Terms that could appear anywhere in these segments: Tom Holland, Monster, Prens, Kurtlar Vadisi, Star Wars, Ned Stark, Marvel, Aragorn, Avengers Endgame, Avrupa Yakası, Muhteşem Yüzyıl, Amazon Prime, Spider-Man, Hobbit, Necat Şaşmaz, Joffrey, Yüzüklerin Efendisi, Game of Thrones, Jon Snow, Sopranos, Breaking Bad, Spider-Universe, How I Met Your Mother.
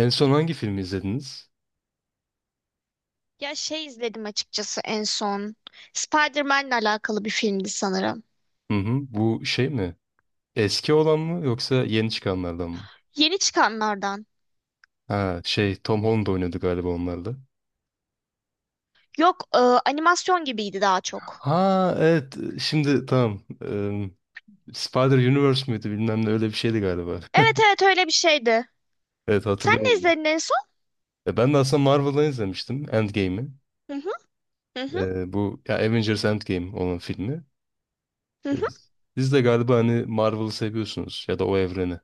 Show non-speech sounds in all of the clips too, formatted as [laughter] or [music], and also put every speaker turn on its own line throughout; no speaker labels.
En son hangi filmi izlediniz?
Ya şey izledim açıkçası en son. Spider-Man'le alakalı bir filmdi sanırım.
Hı hı. Bu şey mi? Eski olan mı yoksa yeni çıkanlardan mı?
Yeni çıkanlardan.
Ha şey Tom Holland oynadı galiba onlarda.
Yok, animasyon gibiydi daha çok.
Ha evet şimdi tamam. Spider-Universe müydü bilmem ne öyle bir şeydi galiba. [laughs]
Evet evet öyle bir şeydi.
Evet
Sen ne
hatırlıyorum.
izledin en son?
Ya ben de aslında Marvel'dan izlemiştim Endgame'i.
Hı hı, hı hı,
Bu ya Avengers Endgame olan filmi.
hı hı.
Eee, Siz de galiba hani Marvel'ı seviyorsunuz ya da o evreni.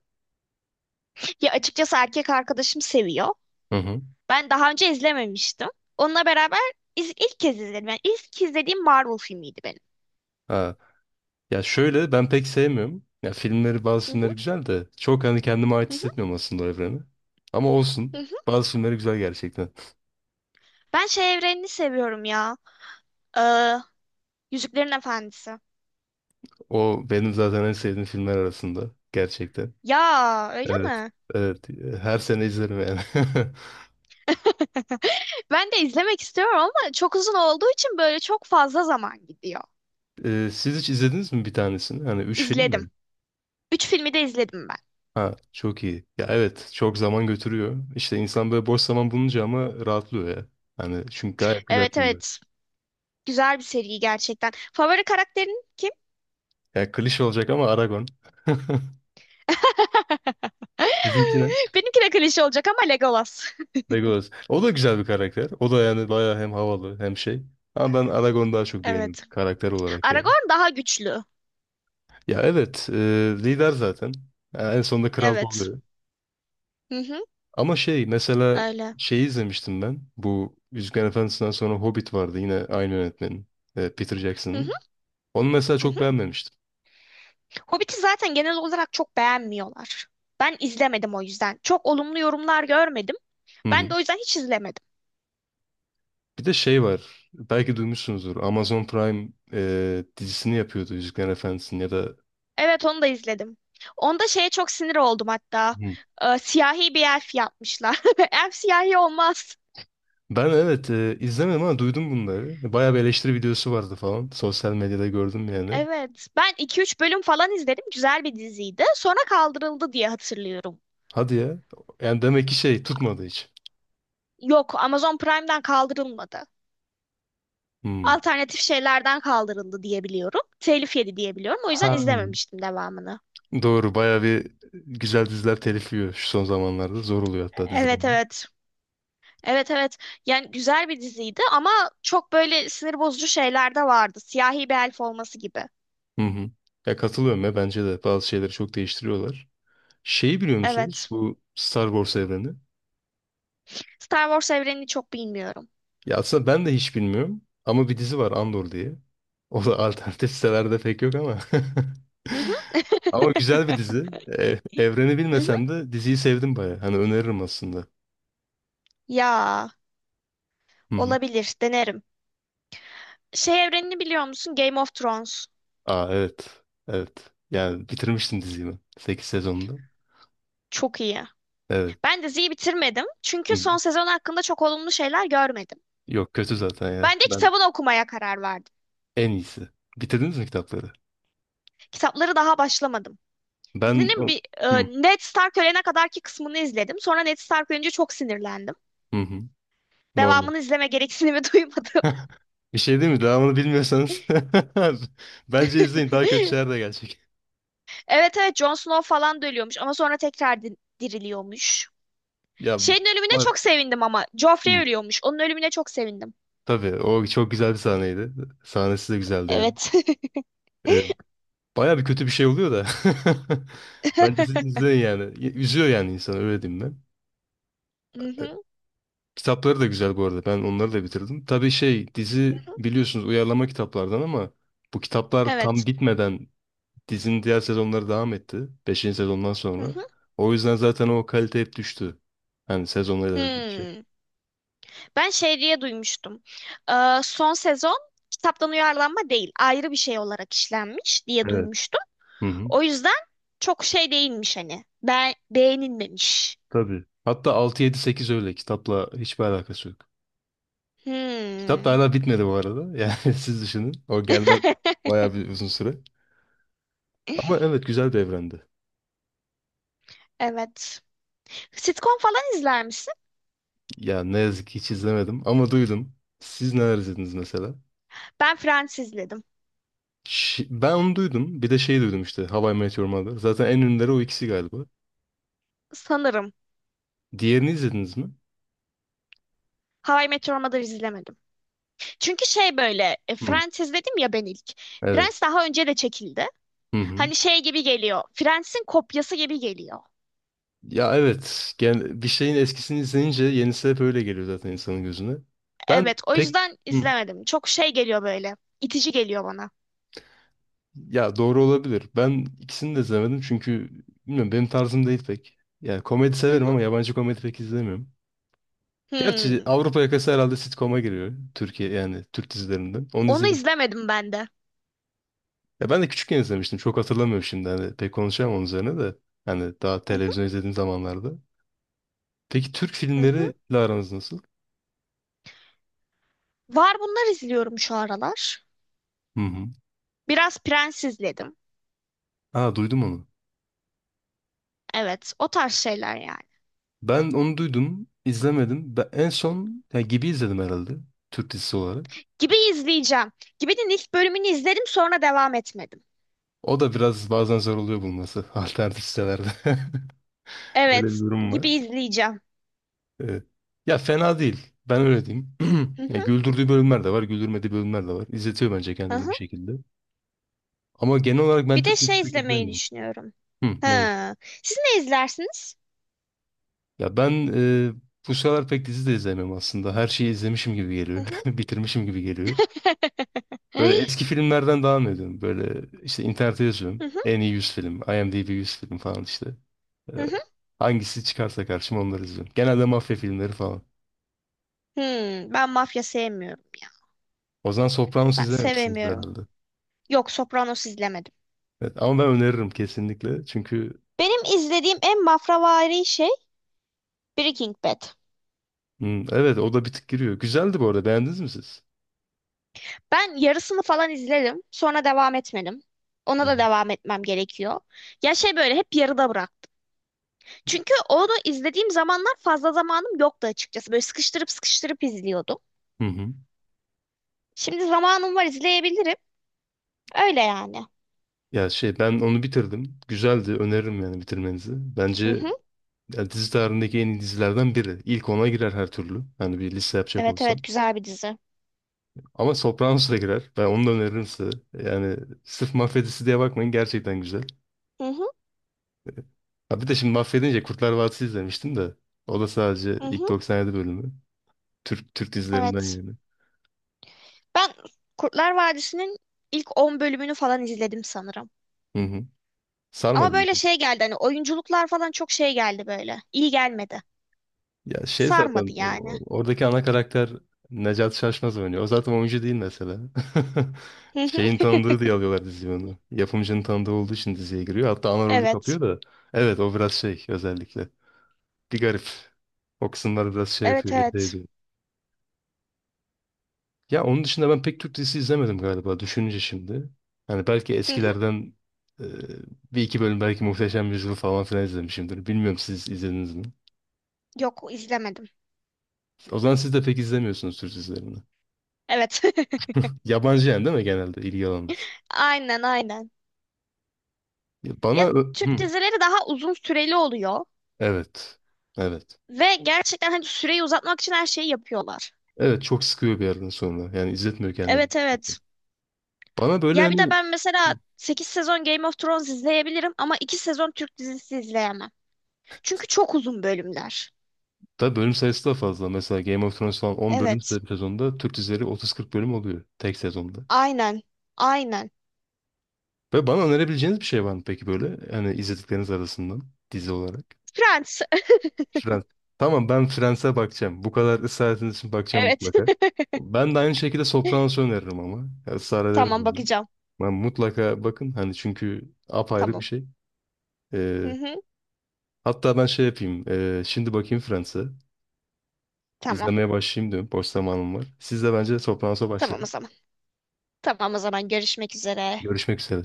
Ya açıkçası erkek arkadaşım seviyor.
Hı hı.
Ben daha önce izlememiştim. Onunla beraber ilk kez izledim. Yani ilk izlediğim Marvel filmiydi benim.
Ha. Ya şöyle ben pek sevmiyorum. Ya filmleri bazı
Hı hı,
filmleri güzel de çok hani kendime ait
hı hı,
hissetmiyorum aslında o evreni. Ama
hı
olsun.
hı.
Bazı filmleri güzel gerçekten.
Ben şey evrenini seviyorum ya. E, Yüzüklerin Efendisi.
O benim zaten en sevdiğim filmler arasında. Gerçekten.
Ya öyle
Evet.
mi?
Evet. Her sene izlerim yani. [laughs]
Ben de izlemek istiyorum ama çok uzun olduğu için böyle çok fazla zaman gidiyor.
Siz hiç izlediniz mi bir tanesini? Hani üç film
İzledim.
mi?
Üç filmi de izledim ben.
Ha çok iyi. Ya evet çok zaman götürüyor. İşte insan böyle boş zaman bulunca ama rahatlıyor ya. Hani çünkü gayet güzel
Evet
filmler.
evet. Güzel bir seri gerçekten. Favori karakterin kim?
Ya klişe olacak ama Aragon. [laughs]
[laughs]
Sizinki ne?
Benimki de klişe olacak ama Legolas. [laughs]
Legolas. O da güzel bir karakter. O da yani bayağı hem havalı hem şey. Ama ben Aragorn'u daha çok beğendim
Evet.
karakter olarak yani.
Aragorn daha güçlü.
Ya evet, lider zaten. Yani en sonunda kral da
Evet.
oluyor.
Hı hı,
Ama şey mesela
öyle.
şeyi izlemiştim ben. Bu Yüzüklerin Efendisi'nden sonra Hobbit vardı yine aynı yönetmenin. Peter
Hı hı,
Jackson'ın. Onu mesela
hı
çok
hı.
beğenmemiştim.
Hobbit'i zaten genel olarak çok beğenmiyorlar. Ben izlemedim o yüzden. Çok olumlu yorumlar görmedim.
Hı hı.
Ben de o yüzden hiç izlemedim.
Bir de şey var. Belki duymuşsunuzdur. Amazon Prime dizisini yapıyordu Yüzüklerin Efendisi'nin ya da...
Evet onu da izledim. Onda şeye çok sinir oldum hatta.
Hı.
Siyahi bir elf yapmışlar. [laughs] Elf siyahi olmaz.
Ben evet, izlemedim ama duydum bunları. Bayağı bir eleştiri videosu vardı falan. Sosyal medyada gördüm yani.
Evet. Ben iki üç bölüm falan izledim. Güzel bir diziydi. Sonra kaldırıldı diye hatırlıyorum.
Hadi ya. Yani demek ki şey tutmadı hiç.
Yok, Amazon Prime'den kaldırılmadı.
Hmm.
Alternatif şeylerden kaldırıldı diye biliyorum. Telif yedi diye biliyorum. O yüzden
Ha.
izlememiştim devamını.
Doğru bayağı bir güzel diziler telif yiyor şu son zamanlarda. Zor oluyor hatta dizi
Evet
bulmak.
evet. Evet evet. Yani güzel bir diziydi ama çok böyle sinir bozucu şeyler de vardı. Siyahi bir elf olması gibi.
Hı hı. Ya katılıyorum ya bence de bazı şeyleri çok değiştiriyorlar. Şeyi biliyor musunuz?
Evet.
Bu Star Wars evreni.
Star Wars evrenini çok bilmiyorum.
Ya aslında ben de hiç bilmiyorum. Ama bir dizi var Andor diye. O da alternatif [laughs] sitelerde pek yok ama. [laughs]
Hı hı.
Ama güzel bir dizi.
[laughs]
Evreni
Hı hı.
bilmesem de diziyi sevdim baya. Hani öneririm aslında.
Ya
Hı hı.
olabilir denerim. Şey evrenini biliyor musun? Game of Thrones.
Aa evet. Evet. Yani bitirmiştim diziyi ben. 8 sezonda.
Çok iyi.
Evet.
Ben diziyi bitirmedim.
Hı
Çünkü son
hı.
sezon hakkında çok olumlu şeyler görmedim.
Yok kötü zaten ya.
Ben de
Ben
kitabını okumaya karar verdim.
en iyisi. Bitirdiniz mi kitapları?
Kitapları daha başlamadım.
Ben
Dizinin bir
hı.
Ned Stark ölene kadarki kısmını izledim. Sonra Ned Stark ölünce çok sinirlendim.
Hı hı. Normal.
Devamını izleme gereksinimi [laughs] duymadım.
[laughs] Bir şey değil mi? Devamını bilmiyorsanız [laughs] bence izleyin. Daha kötü
[laughs]
şeyler de gelecek.
Evet evet Jon Snow falan da ölüyormuş ama sonra tekrar diriliyormuş.
Ya
Şeyin ölümüne
bak.
çok sevindim ama. Joffrey
Hı.
ölüyormuş. Onun ölümüne çok sevindim.
Tabii o çok güzel bir sahneydi. Sahnesi de güzeldi yani.
Evet. [laughs]
Ee, baya bir kötü bir şey oluyor da. [laughs] Bence siz izleyin yani. Üzüyor yani insanı öyle diyeyim ben.
Hı hı,
Kitapları da güzel bu arada. Ben onları da bitirdim. Tabii şey dizi
hı hı.
biliyorsunuz uyarlama kitaplardan ama bu kitaplar
Evet.
tam bitmeden dizinin diğer sezonları devam etti. Beşinci sezondan
Hı
sonra.
hı.
O yüzden zaten o kalite hep düştü. Hani sezonlar ilerledikçe.
Hmm. Ben şey diye duymuştum. Son sezon kitaptan uyarlanma değil, ayrı bir şey olarak işlenmiş diye
Evet.
duymuştum.
Hı hı.
O yüzden çok şey değilmiş hani. Ben beğenilmemiş.
Tabii. Hatta altı yedi sekiz öyle. Kitapla hiçbir alakası yok. Kitap da
Hmm.
hala bitmedi bu arada. Yani [laughs] siz düşünün. O gelmez
[laughs]
bayağı bir uzun süre. Ama evet güzel bir evrendi.
Evet. Sitcom falan izler misin?
Ya ne yazık ki hiç izlemedim ama duydum. Siz neler izlediniz mesela?
Ben Friends izledim.
Ben onu duydum. Bir de şey duydum işte How I Met Your Mother. Zaten en ünlüleri o ikisi galiba.
Sanırım.
Diğerini izlediniz mi?
How I Met Your Mother izlemedim. Çünkü şey böyle
Hı.
Friends dedim ya ben ilk.
Evet.
Friends daha önce de çekildi.
Hı hı.
Hani şey gibi geliyor. Friends'in kopyası gibi geliyor.
Ya evet. Bir şeyin eskisini izleyince yenisi hep öyle geliyor zaten insanın gözüne. Ben
Evet o
pek...
yüzden
Hı.
izlemedim. Çok şey geliyor böyle. İtici geliyor bana.
Ya doğru olabilir. Ben ikisini de izlemedim çünkü bilmiyorum benim tarzım değil pek. Yani komedi
Hı
severim
hı.
ama yabancı komedi pek izlemiyorum. Gerçi
Hmm.
Avrupa Yakası herhalde sitcom'a giriyor. Türkiye yani Türk dizilerinden. Onu
Onu
izlemiştim.
izlemedim ben de.
Ya ben de küçükken izlemiştim. Çok hatırlamıyorum şimdi. Hani pek konuşamam onun üzerine de. Hani daha
Hı hı,
televizyon izlediğim zamanlarda. Peki Türk
hı hı.
filmleriyle aranız nasıl?
Var bunlar izliyorum şu aralar.
Hı hı.
Biraz Prens izledim.
Aa duydum onu.
Evet o tarz şeyler yani.
Ben onu duydum. İzlemedim. Ben en son yani gibi izledim herhalde. Türk dizisi olarak.
Gibi izleyeceğim. Gibi'nin ilk bölümünü izledim sonra devam etmedim.
O da biraz bazen zor oluyor bulması [laughs] alternatif sitelerde. [laughs] Öyle bir
Evet
durum
gibi
var.
izleyeceğim.
Evet. Ya fena değil. Ben öyle diyeyim. [clears throat]
Hı
Ya
hı.
güldürdüğü bölümler de var, güldürmediği bölümler de var. İzletiyor bence
Hı
kendini
hı.
bir şekilde. Ama genel olarak ben
Bir de
Türk dizisi
şey
pek
izlemeyi
izlemiyorum.
düşünüyorum.
Hı, neyi?
Ha. Siz ne izlersiniz?
Ya ben bu sıralar pek dizi de izlemiyorum aslında. Her şeyi izlemişim gibi
Hı
geliyor.
hı.
[laughs] Bitirmişim gibi geliyor.
[laughs] Hı
Böyle eski filmlerden devam ediyorum. Böyle işte internete yazıyorum.
hı.
En iyi 100 film, IMDb 100 film falan işte. Ee,
Hı hı.
Hangisi çıkarsa karşıma onları izliyorum. Genelde mafya filmleri falan.
Hmm, ben mafya sevmiyorum ya.
O zaman Sopranos
Ben
izlememişsiniz
sevemiyorum.
herhalde.
Yok, Sopranos izlemedim.
Evet, ama ben öneririm kesinlikle. Çünkü
Benim izlediğim en mafravari şey Breaking Bad.
hmm, evet o da bir tık giriyor. Güzeldi bu arada. Beğendiniz mi siz?
Ben yarısını falan izledim. Sonra devam etmedim.
Hı
Ona da
hı.
devam etmem gerekiyor. Ya şey böyle hep yarıda bırak. Çünkü onu izlediğim zamanlar fazla zamanım yoktu açıkçası. Böyle sıkıştırıp sıkıştırıp izliyordum.
Hı hı.
Şimdi zamanım var izleyebilirim. Öyle yani.
Ya şey ben onu bitirdim. Güzeldi. Öneririm yani bitirmenizi.
Hı
Bence
hı.
ya dizi tarihindeki en iyi dizilerden biri. İlk ona girer her türlü. Hani bir liste yapacak
Evet evet
olsam.
güzel bir dizi.
Ama Sopranos da girer. Ben onu da öneririm size. Yani sırf mafya dizisi diye bakmayın. Gerçekten güzel.
Hı hı.
Ha bir de şimdi mahvedince Kurtlar Vadisi izlemiştim de. O da sadece
Hı
ilk
hı.
97 bölümü. Türk Türk dizilerinden
Evet.
yani.
Ben Kurtlar Vadisi'nin ilk 10 bölümünü falan izledim sanırım.
Hı hı.
Ama
Sarmadım.
böyle şey geldi hani oyunculuklar falan çok şey geldi böyle. İyi gelmedi.
Ya şey
Sarmadı
zaten
yani.
oradaki ana karakter Necat Şaşmaz oynuyor. O zaten oyuncu değil mesela. [laughs]
Hı hı.
Şeyin
[laughs]
tanıdığı diye alıyorlar diziyi onu. Yapımcının tanıdığı olduğu için diziye giriyor. Hatta ana rolü
Evet.
kapıyor da. Evet o biraz şey özellikle. Bir garip. O kısımlar biraz şey
Evet
yapıyor. İrite
evet.
Ya onun dışında ben pek Türk dizisi izlemedim galiba düşününce şimdi. Hani belki
Hı hı.
eskilerden e, bir iki bölüm belki Muhteşem Yüzyıl falan filan izlemişimdir. Bilmiyorum siz izlediniz mi?
Yok izlemedim.
O zaman siz de pek izlemiyorsunuz Türk dizilerini.
Evet.
Yabancı yani değil mi genelde ilgi alanınız?
[laughs] Aynen aynen.
Ya bana...
Ya Türk
Hı,
dizileri daha uzun süreli oluyor
evet. Evet.
ve gerçekten hani süreyi uzatmak için her şeyi yapıyorlar.
Evet çok sıkıyor bir yerden sonra. Yani izletmiyor kendini.
Evet evet.
Bana böyle
Ya bir de
hani...
ben mesela 8 sezon Game of Thrones izleyebilirim ama 2 sezon Türk dizisi izleyemem. Çünkü çok uzun bölümler.
Tabii bölüm sayısı da fazla. Mesela Game of Thrones falan 10 bölüm
Evet.
bir sezonda Türk dizileri 30 40 bölüm oluyor tek sezonda.
Aynen. Aynen.
Ve bana önerebileceğiniz bir şey var mı peki böyle? Hani izledikleriniz arasından dizi olarak.
Friends. [laughs]
Friends. Tamam ben Friends'e bakacağım. Bu kadar ısrar ettiğiniz için bakacağım
Evet.
mutlaka. Ben de aynı şekilde
[laughs]
Sopranos'u öneririm ama. Ya, ısrar ederim
Tamam
yani.
bakacağım.
Ben mutlaka bakın hani çünkü apayrı bir
Tamam.
şey.
Hı
Ee,
hı.
hatta ben şey yapayım. Şimdi bakayım Friends'e.
Tamam.
İzlemeye başlayayım diyorum. Boş zamanım var. Siz de bence Sopranos'a
Tamam o
başlayın.
zaman. Tamam o zaman görüşmek üzere.
Görüşmek üzere.